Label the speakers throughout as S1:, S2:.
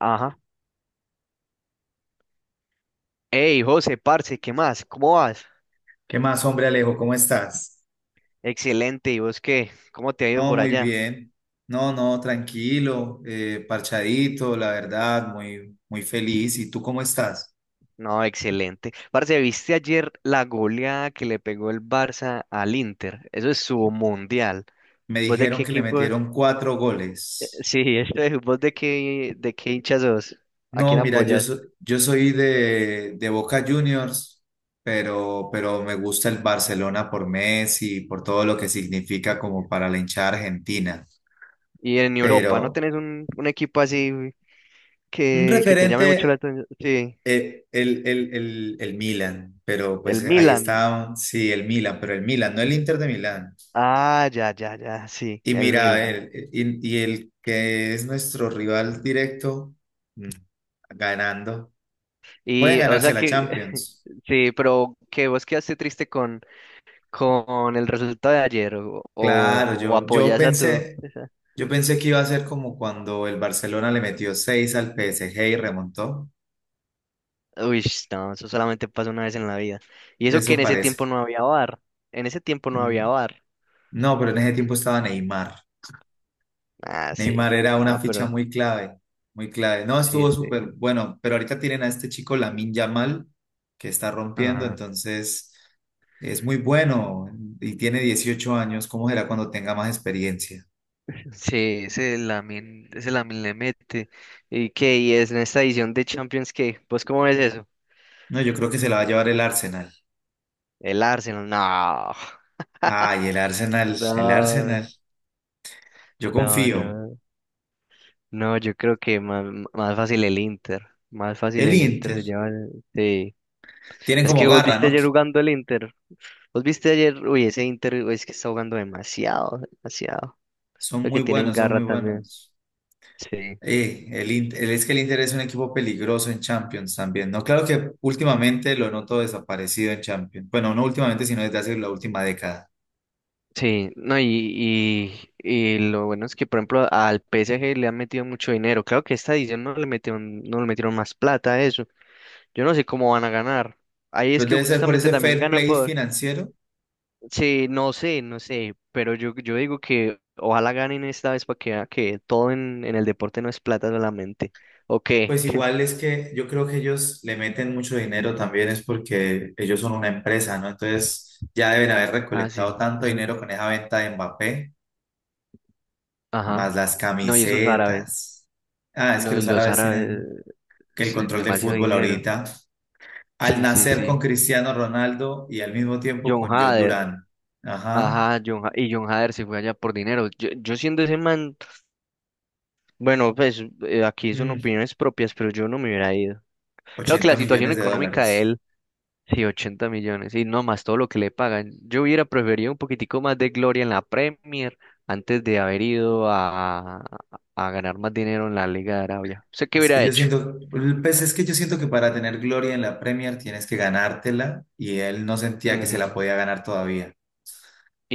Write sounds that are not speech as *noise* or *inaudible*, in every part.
S1: Ajá. Hey, José, parce, ¿qué más? ¿Cómo vas?
S2: ¿Qué más, hombre Alejo? ¿Cómo estás?
S1: Excelente, ¿y vos qué? ¿Cómo te ha ido
S2: No,
S1: por
S2: muy
S1: allá?
S2: bien. No, no, tranquilo, parchadito, la verdad, muy, muy feliz. ¿Y tú cómo estás?
S1: No, excelente. Parce, ¿viste ayer la goleada que le pegó el Barça al Inter? Eso es su mundial.
S2: Me
S1: ¿Vos de
S2: dijeron
S1: qué
S2: que le
S1: equipo?
S2: metieron cuatro goles.
S1: Sí, *laughs* ¿Vos de qué hincha sos? ¿A
S2: No,
S1: quién
S2: mira, yo,
S1: apoyas?
S2: so- yo soy de Boca Juniors, pero me gusta el Barcelona por Messi, por todo lo que significa como para la hinchada argentina.
S1: Y en Europa, ¿no
S2: Pero
S1: tenés un equipo así
S2: un
S1: que te llame mucho la
S2: referente,
S1: atención? Sí,
S2: el Milan, pero
S1: el
S2: pues ahí
S1: Milan.
S2: está, sí, el Milan, pero el Milan, no el Inter de Milán.
S1: Ah, ya, ya, ya, sí,
S2: Y
S1: el
S2: mira,
S1: Milan.
S2: y el que es nuestro rival directo, mm, ganando, pueden
S1: Y, o
S2: ganarse
S1: sea
S2: la
S1: que, *laughs*
S2: Champions.
S1: sí, pero que vos quedaste triste con el resultado de ayer o,
S2: Claro,
S1: o, o apoyas a tu...
S2: yo pensé que iba a ser como cuando el Barcelona le metió 6 al PSG y remontó.
S1: Uy, no, eso solamente pasa una vez en la vida. Y eso que
S2: Eso
S1: en ese
S2: parece.
S1: tiempo no había bar. En ese tiempo no
S2: Mm.
S1: había bar.
S2: No, pero en ese tiempo estaba Neymar.
S1: Ah, sí,
S2: Neymar era una
S1: no,
S2: ficha
S1: pero
S2: muy clave, muy clave. No,
S1: sí,
S2: estuvo súper
S1: sí.
S2: bueno, pero ahorita tienen a este chico Lamine Yamal que está rompiendo,
S1: Ajá.
S2: entonces es muy bueno y tiene 18 años. ¿Cómo será cuando tenga más experiencia?
S1: Sí, ese Lamin le mete. ¿Y qué? ¿Y es en esta edición de Champions qué? ¿Vos cómo ves eso?
S2: No, yo creo que se la va a llevar el Arsenal.
S1: El Arsenal, no.
S2: Ay, el Arsenal, el
S1: No,
S2: Arsenal. Yo
S1: no,
S2: confío.
S1: no. No, yo creo que más, más fácil el Inter. Más fácil
S2: El
S1: el Inter
S2: Inter.
S1: se lleva. Sí.
S2: Tienen
S1: Es
S2: como
S1: que vos
S2: garra,
S1: viste
S2: ¿no?
S1: ayer jugando el Inter. Vos viste ayer. Uy, ese Inter uy, es que está jugando demasiado, demasiado.
S2: Son
S1: Creo
S2: muy
S1: que tienen
S2: buenos, son
S1: garra
S2: muy
S1: también.
S2: buenos.
S1: Sí.
S2: Es que el Inter es un equipo peligroso en Champions también, ¿no? Claro que últimamente lo noto desaparecido en Champions. Bueno, no últimamente, sino desde hace la última década.
S1: Sí, no, y lo bueno es que, por ejemplo, al PSG le han metido mucho dinero. Claro que esta edición no le metieron, no le metieron más plata a eso. Yo no sé cómo van a ganar. Ahí es
S2: Pero
S1: que
S2: debe ser por
S1: justamente
S2: ese
S1: también
S2: fair
S1: ganan.
S2: play financiero.
S1: Sí, no sé, pero yo digo que ojalá ganen esta vez para que vea que todo en el deporte no es plata solamente. ¿O qué?
S2: Pues igual
S1: *laughs*
S2: es que yo creo que ellos le meten mucho dinero también es porque ellos son una empresa, ¿no? Entonces ya deben haber
S1: Ah,
S2: recolectado
S1: sí,
S2: tanto dinero
S1: esos,
S2: con esa venta de Mbappé, más
S1: ajá.
S2: las
S1: No, y esos árabes.
S2: camisetas. Ah, es que
S1: No, y
S2: los
S1: los
S2: árabes
S1: árabes,
S2: tienen que el
S1: sí,
S2: control del
S1: demasiado
S2: fútbol
S1: dinero.
S2: ahorita. Al
S1: Sí, sí,
S2: nacer con
S1: sí.
S2: Cristiano Ronaldo y al mismo tiempo
S1: John
S2: con John
S1: Hader.
S2: Durán. Ajá.
S1: Ajá, y John Hader se fue allá por dinero. Yo siendo ese man, bueno, aquí son
S2: Mm,
S1: opiniones propias, pero yo no me hubiera ido. Creo que
S2: 80
S1: la situación
S2: millones de
S1: económica de
S2: dólares.
S1: él. Sí, 80 millones. Y no más todo lo que le pagan. Yo hubiera preferido un poquitico más de gloria en la Premier antes de haber a ganar más dinero en la Liga de Arabia. ¿Usted qué
S2: Es que
S1: hubiera
S2: yo
S1: hecho?
S2: siento, es que yo siento que para tener gloria en la Premier tienes que ganártela y él no sentía que se la
S1: Ujú.
S2: podía ganar todavía.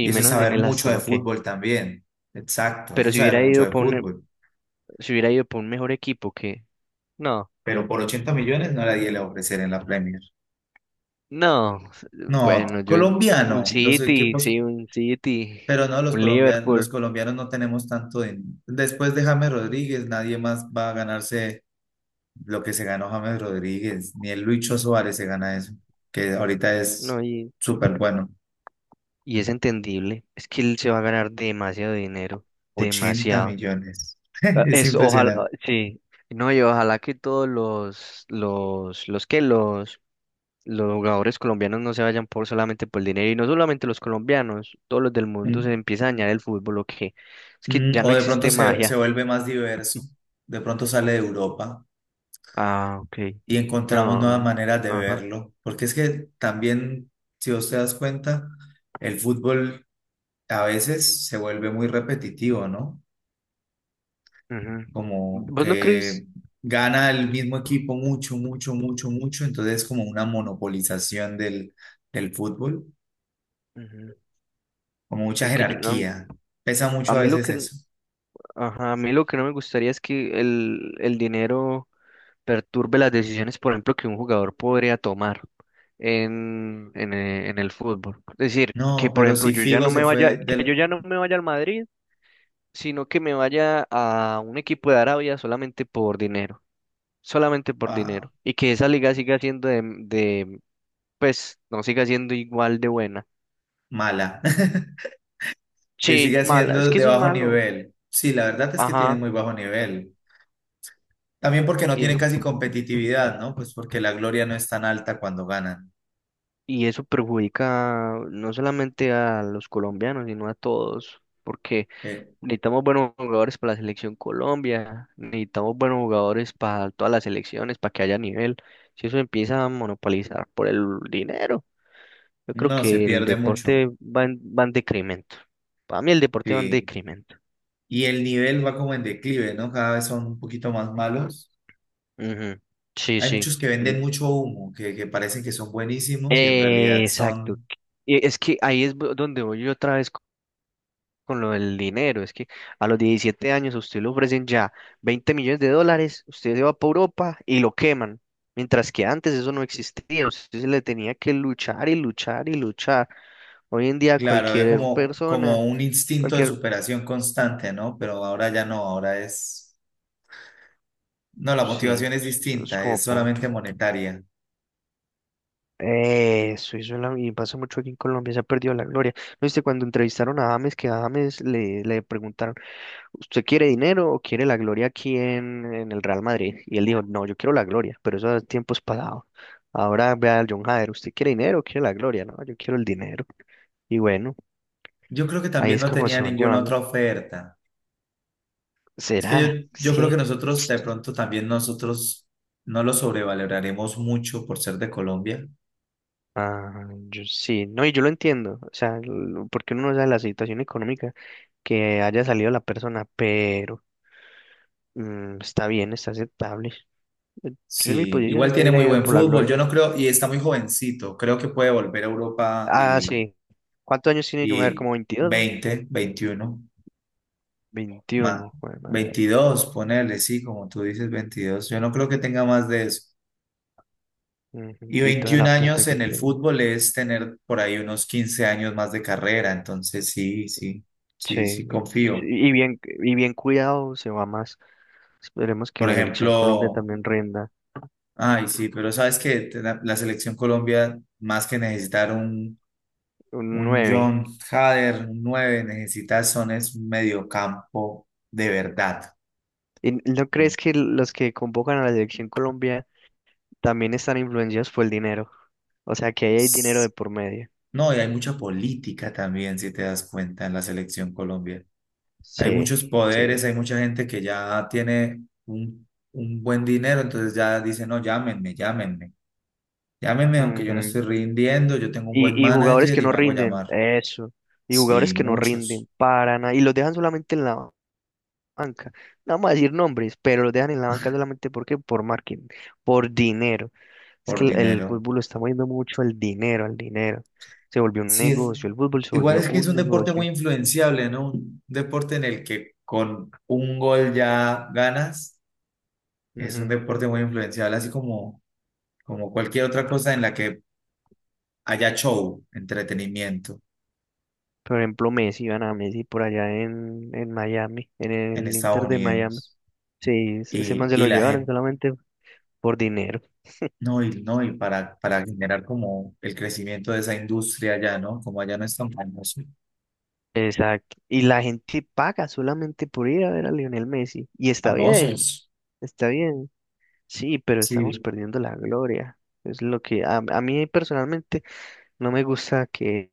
S2: Y eso es
S1: menos en
S2: saber
S1: el
S2: mucho
S1: Aston,
S2: de
S1: ¿o qué?
S2: fútbol también. Exacto, eso
S1: Pero
S2: es
S1: si
S2: saber
S1: hubiera
S2: mucho
S1: ido
S2: de
S1: por un,
S2: fútbol.
S1: Si hubiera ido por un mejor equipo, ¿qué? No,
S2: Pero por 80 millones no la di a ofrecer en la Premier.
S1: no.
S2: No,
S1: Bueno, yo un
S2: colombiano, los
S1: City,
S2: equipos.
S1: sí, un City,
S2: Pero no, los
S1: un
S2: colombianos, los
S1: Liverpool.
S2: colombianos no tenemos tanto dinero. Después de James Rodríguez, nadie más va a ganarse lo que se ganó James Rodríguez, ni el Lucho Suárez se gana eso, que ahorita
S1: No,
S2: es súper bueno.
S1: y es entendible. Es que él se va a ganar demasiado dinero,
S2: 80
S1: demasiado.
S2: millones. *laughs*
S1: Ah,
S2: Es
S1: es, ojalá, ah,
S2: impresionante.
S1: sí. No, y ojalá que todos los que los jugadores colombianos no se vayan por solamente por el dinero, y no solamente los colombianos, todos los del mundo se
S2: Mm,
S1: empieza a dañar el fútbol, o que es que ya
S2: O
S1: no
S2: de pronto
S1: existe
S2: se
S1: magia.
S2: vuelve más diverso, de pronto sale de Europa
S1: Ah, ok.
S2: y encontramos nuevas
S1: No,
S2: maneras de
S1: ajá.
S2: verlo, porque es que también, si vos te das cuenta, el fútbol a veces se vuelve muy repetitivo, ¿no?
S1: Ujú.
S2: Como
S1: ¿Vos no crees?
S2: que gana el mismo equipo mucho, mucho, mucho, mucho, entonces como una monopolización del fútbol,
S1: Ujú,
S2: como mucha
S1: aunque yo no-
S2: jerarquía. Pesa
S1: a
S2: mucho a
S1: mí lo
S2: veces
S1: que,
S2: eso.
S1: ajá, a mí lo que no me gustaría es que el dinero perturbe las decisiones, por ejemplo, que un jugador podría tomar en el fútbol. Es decir, que
S2: No,
S1: por
S2: pero
S1: ejemplo
S2: si
S1: yo ya
S2: Figo
S1: no
S2: se
S1: me vaya,
S2: fue
S1: que yo
S2: del
S1: ya no me vaya al Madrid, sino que me vaya a un equipo de Arabia solamente por
S2: ah,
S1: dinero, y que esa liga siga siendo pues, no siga siendo igual de buena.
S2: mala, *laughs* que
S1: Sí,
S2: sigue
S1: mala, es
S2: siendo
S1: que
S2: de
S1: eso es
S2: bajo
S1: malo.
S2: nivel. Sí, la verdad es que tiene
S1: Ajá,
S2: muy bajo nivel. También porque no
S1: y
S2: tienen
S1: eso,
S2: casi competitividad, ¿no? Pues porque la gloria no es tan alta cuando ganan.
S1: y eso perjudica no solamente a los colombianos, sino a todos, porque
S2: Eh,
S1: necesitamos buenos jugadores para la selección Colombia, necesitamos buenos jugadores para todas las selecciones, para que haya nivel. Si eso empieza a monopolizar por el dinero, yo creo
S2: no, se
S1: que el
S2: pierde mucho.
S1: deporte va en decremento. Para mí el deporte va en
S2: Sí.
S1: decremento.
S2: Y el nivel va como en declive, ¿no? Cada vez son un poquito más malos.
S1: Ujú, sí,
S2: Hay
S1: sí.
S2: muchos que
S1: Mm.
S2: venden mucho humo, que parecen que son buenísimos y en realidad
S1: Exacto.
S2: son,
S1: Y es que donde voy yo otra vez con lo del dinero. Es que a los 17 años a usted le ofrecen ya $20 millones, usted se va para Europa y lo queman. Mientras que antes eso no existía, usted se le tenía que luchar y luchar y luchar. Hoy en día
S2: claro, había
S1: cualquier
S2: como,
S1: persona,
S2: como un instinto de
S1: cualquier,
S2: superación constante, ¿no? Pero ahora ya no, ahora es, no, la motivación
S1: sí,
S2: es
S1: es es
S2: distinta,
S1: como
S2: es
S1: po-
S2: solamente monetaria.
S1: Y pasa mucho aquí en Colombia, se ha perdido la gloria. ¿No viste cuando entrevistaron a James, que a le preguntaron, ¿usted quiere dinero o quiere la gloria aquí en el Real Madrid? Y él dijo, no, yo quiero la gloria, pero eso es tiempos pasados. Ahora vea al John Hader, ¿usted quiere dinero o quiere la gloria? No, yo quiero el dinero. Y bueno,
S2: Yo creo que
S1: ahí
S2: también
S1: es
S2: no
S1: como
S2: tenía
S1: se van
S2: ninguna
S1: llevando.
S2: otra oferta. Es que
S1: ¿Será?
S2: yo,
S1: Es
S2: yo creo que
S1: que...
S2: nosotros, de pronto también nosotros no lo sobrevaloraremos mucho por ser de Colombia.
S1: Ah, yo sí, no, y yo lo entiendo, porque uno no sabe la situación económica que haya salido la persona, pero... Mm, está bien, está aceptable. Eh, Yo en mi
S2: Sí,
S1: posición sí
S2: igual
S1: me
S2: tiene
S1: hubiera
S2: muy
S1: ido
S2: buen
S1: por la
S2: fútbol,
S1: gloria.
S2: yo no creo, y está muy jovencito, creo que puede volver a Europa
S1: Ah,
S2: y,
S1: sí. ¿Cuántos años tiene Jung? A ver,
S2: y
S1: como 22, ¿no?
S2: 20, 21, más,
S1: 21, joder, madre.
S2: 22, ponerle, sí, como tú dices, 22. Yo no creo que tenga más de eso. Y
S1: Ujú, y toda
S2: 21
S1: la plata
S2: años
S1: que
S2: en el
S1: tiene.
S2: fútbol es tener por ahí unos 15 años más de carrera, entonces sí, sí, sí, sí,
S1: Sí. Sí,
S2: confío.
S1: y bien, y bien cuidado se va más. Esperemos que en
S2: Por
S1: la selección Colombia
S2: ejemplo,
S1: también rinda.
S2: ay, sí, pero sabes que la selección Colombia, más que necesitar un
S1: Un
S2: Un
S1: nueve.
S2: John Hader, un 9, necesitas son es un mediocampo de verdad.
S1: ¿Y no
S2: Mm.
S1: crees que los que convocan a la selección Colombia también están influenciados por el dinero? O sea, que ahí hay dinero de
S2: S-
S1: por medio.
S2: No, y hay mucha política también, si te das cuenta, en la selección Colombia. Hay
S1: Sí,
S2: muchos
S1: sí.
S2: poderes, hay mucha gente que ya tiene un buen dinero, entonces ya dice, no, llámenme, llámenme, llámenme, aunque yo no
S1: Ujú.
S2: estoy rindiendo, yo tengo un buen
S1: Y jugadores
S2: manager
S1: que
S2: y
S1: no
S2: me hago
S1: rinden,
S2: llamar.
S1: eso. Y
S2: Sí,
S1: jugadores que no
S2: muchos
S1: rinden para nada. Y los dejan solamente en la banca. No vamos a decir nombres, pero los dejan en la banca solamente porque por marketing, por dinero. Es
S2: por
S1: que el
S2: dinero.
S1: fútbol lo está moviendo mucho al dinero, al dinero. Se volvió un
S2: Sí,
S1: negocio, el fútbol se
S2: igual
S1: volvió
S2: es que es
S1: un
S2: un deporte
S1: negocio.
S2: muy influenciable, ¿no? Un deporte en el que con un gol ya ganas, es un
S1: Ujú.
S2: deporte muy influenciable, así como cualquier otra cosa en la que haya show, entretenimiento
S1: Por ejemplo, Messi, van a Messi por allá en Miami, en
S2: en
S1: el
S2: Estados
S1: Inter de Miami.
S2: Unidos.
S1: Sí, ese
S2: Y,
S1: man se
S2: y
S1: lo
S2: la
S1: llevaron
S2: gente,
S1: solamente por dinero.
S2: no, para generar como el crecimiento de esa industria allá, ¿no? Como allá no es tan famoso.
S1: Exacto. Y la gente paga solamente por ir a ver a Lionel Messi. Y está bien,
S2: Famosos.
S1: está bien. Sí, pero estamos
S2: Sí,
S1: perdiendo la gloria. Es lo que a mí personalmente no me gusta que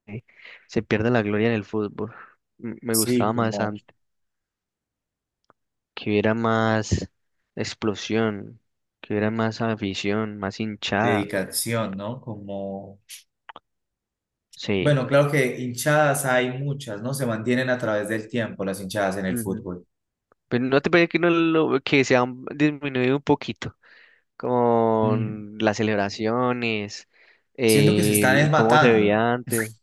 S1: se pierda la gloria en el fútbol. Me
S2: sí,
S1: gustaba más
S2: como
S1: antes, que hubiera más explosión, que hubiera más afición, más hinchada.
S2: dedicación, ¿no? Como
S1: Sí.
S2: Bueno, claro que hinchadas hay muchas, ¿no? Se mantienen a través del tiempo las hinchadas en el
S1: Ujú.
S2: fútbol.
S1: Pero no te parece que, no lo, que se han disminuido un poquito
S2: Mm,
S1: con las celebraciones,
S2: Siento que se están es
S1: cómo se
S2: matando,
S1: veía antes.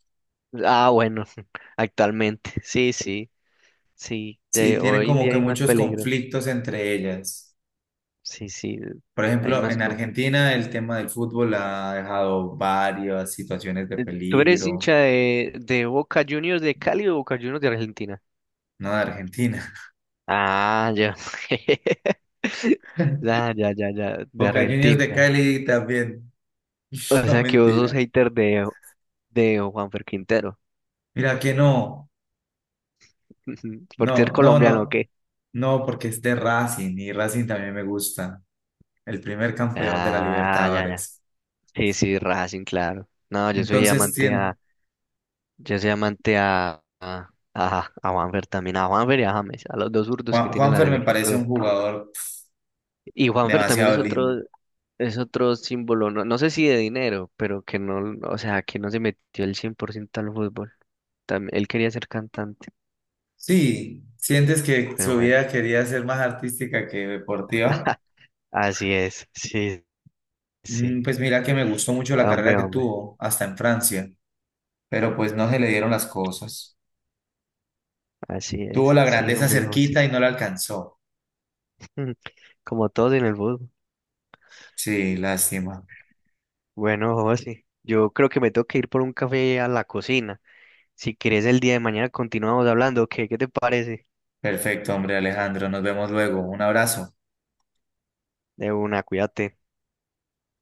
S1: Ah, bueno, *laughs* actualmente, sí,
S2: sí,
S1: de
S2: tienen
S1: hoy en
S2: como
S1: día
S2: que
S1: hay más
S2: muchos
S1: peligro,
S2: conflictos entre ellas.
S1: sí, sí,
S2: Por
S1: hay
S2: ejemplo,
S1: más
S2: en
S1: conflicto.
S2: Argentina el tema del fútbol ha dejado varias situaciones de
S1: ¿Tú eres
S2: peligro,
S1: hincha de Boca Juniors de Cali o Boca Juniors de Argentina?
S2: ¿no? De Argentina.
S1: Ah, ya. *laughs* Ya, ya, ya, ya,
S2: *laughs*
S1: de
S2: Boca Juniors de
S1: Argentina.
S2: Cali también,
S1: O
S2: *laughs* no
S1: sea que vos sos
S2: mentira.
S1: hater de Juanfer Quintero.
S2: Mira que no,
S1: *laughs* ¿Por ser
S2: no, no,
S1: colombiano o
S2: no,
S1: qué?
S2: no, porque es de Racing y Racing también me gusta, el primer campeón de la
S1: Ah, ya, ya.
S2: Libertadores.
S1: Sí, sí, Racing, claro. No, yo soy
S2: Entonces,
S1: amante
S2: sí,
S1: a, yo soy amante a Juanfer también, a Juanfer y a James, a los dos zurdos que
S2: Juan,
S1: tiene la
S2: Juanfer me
S1: selección
S2: parece un
S1: Colombia.
S2: jugador
S1: Y Juanfer también
S2: demasiado
S1: es
S2: lindo.
S1: es otro símbolo, no sé si de dinero, pero que no, o sea, que no se metió el 100% al fútbol. También, él quería ser cantante,
S2: Sí, ¿sientes que
S1: pero
S2: su
S1: bueno,
S2: vida quería ser más artística que deportiva?
S1: así es, sí, sí.
S2: Pues mira que me gustó mucho la carrera
S1: Hombre,
S2: que
S1: hombre,
S2: tuvo, hasta en Francia, pero pues no se le dieron las cosas.
S1: así
S2: Tuvo
S1: es,
S2: la
S1: sí,
S2: grandeza
S1: hombre, hombre, sí.
S2: cerquita y no la alcanzó.
S1: *laughs* Como todos en el fútbol.
S2: Sí, lástima.
S1: Bueno, José, yo creo que me tengo que ir por un café a la cocina. Si quieres el día de mañana continuamos hablando, ¿qué te parece?
S2: Perfecto, hombre Alejandro, nos vemos luego. Un abrazo.
S1: De una, cuídate.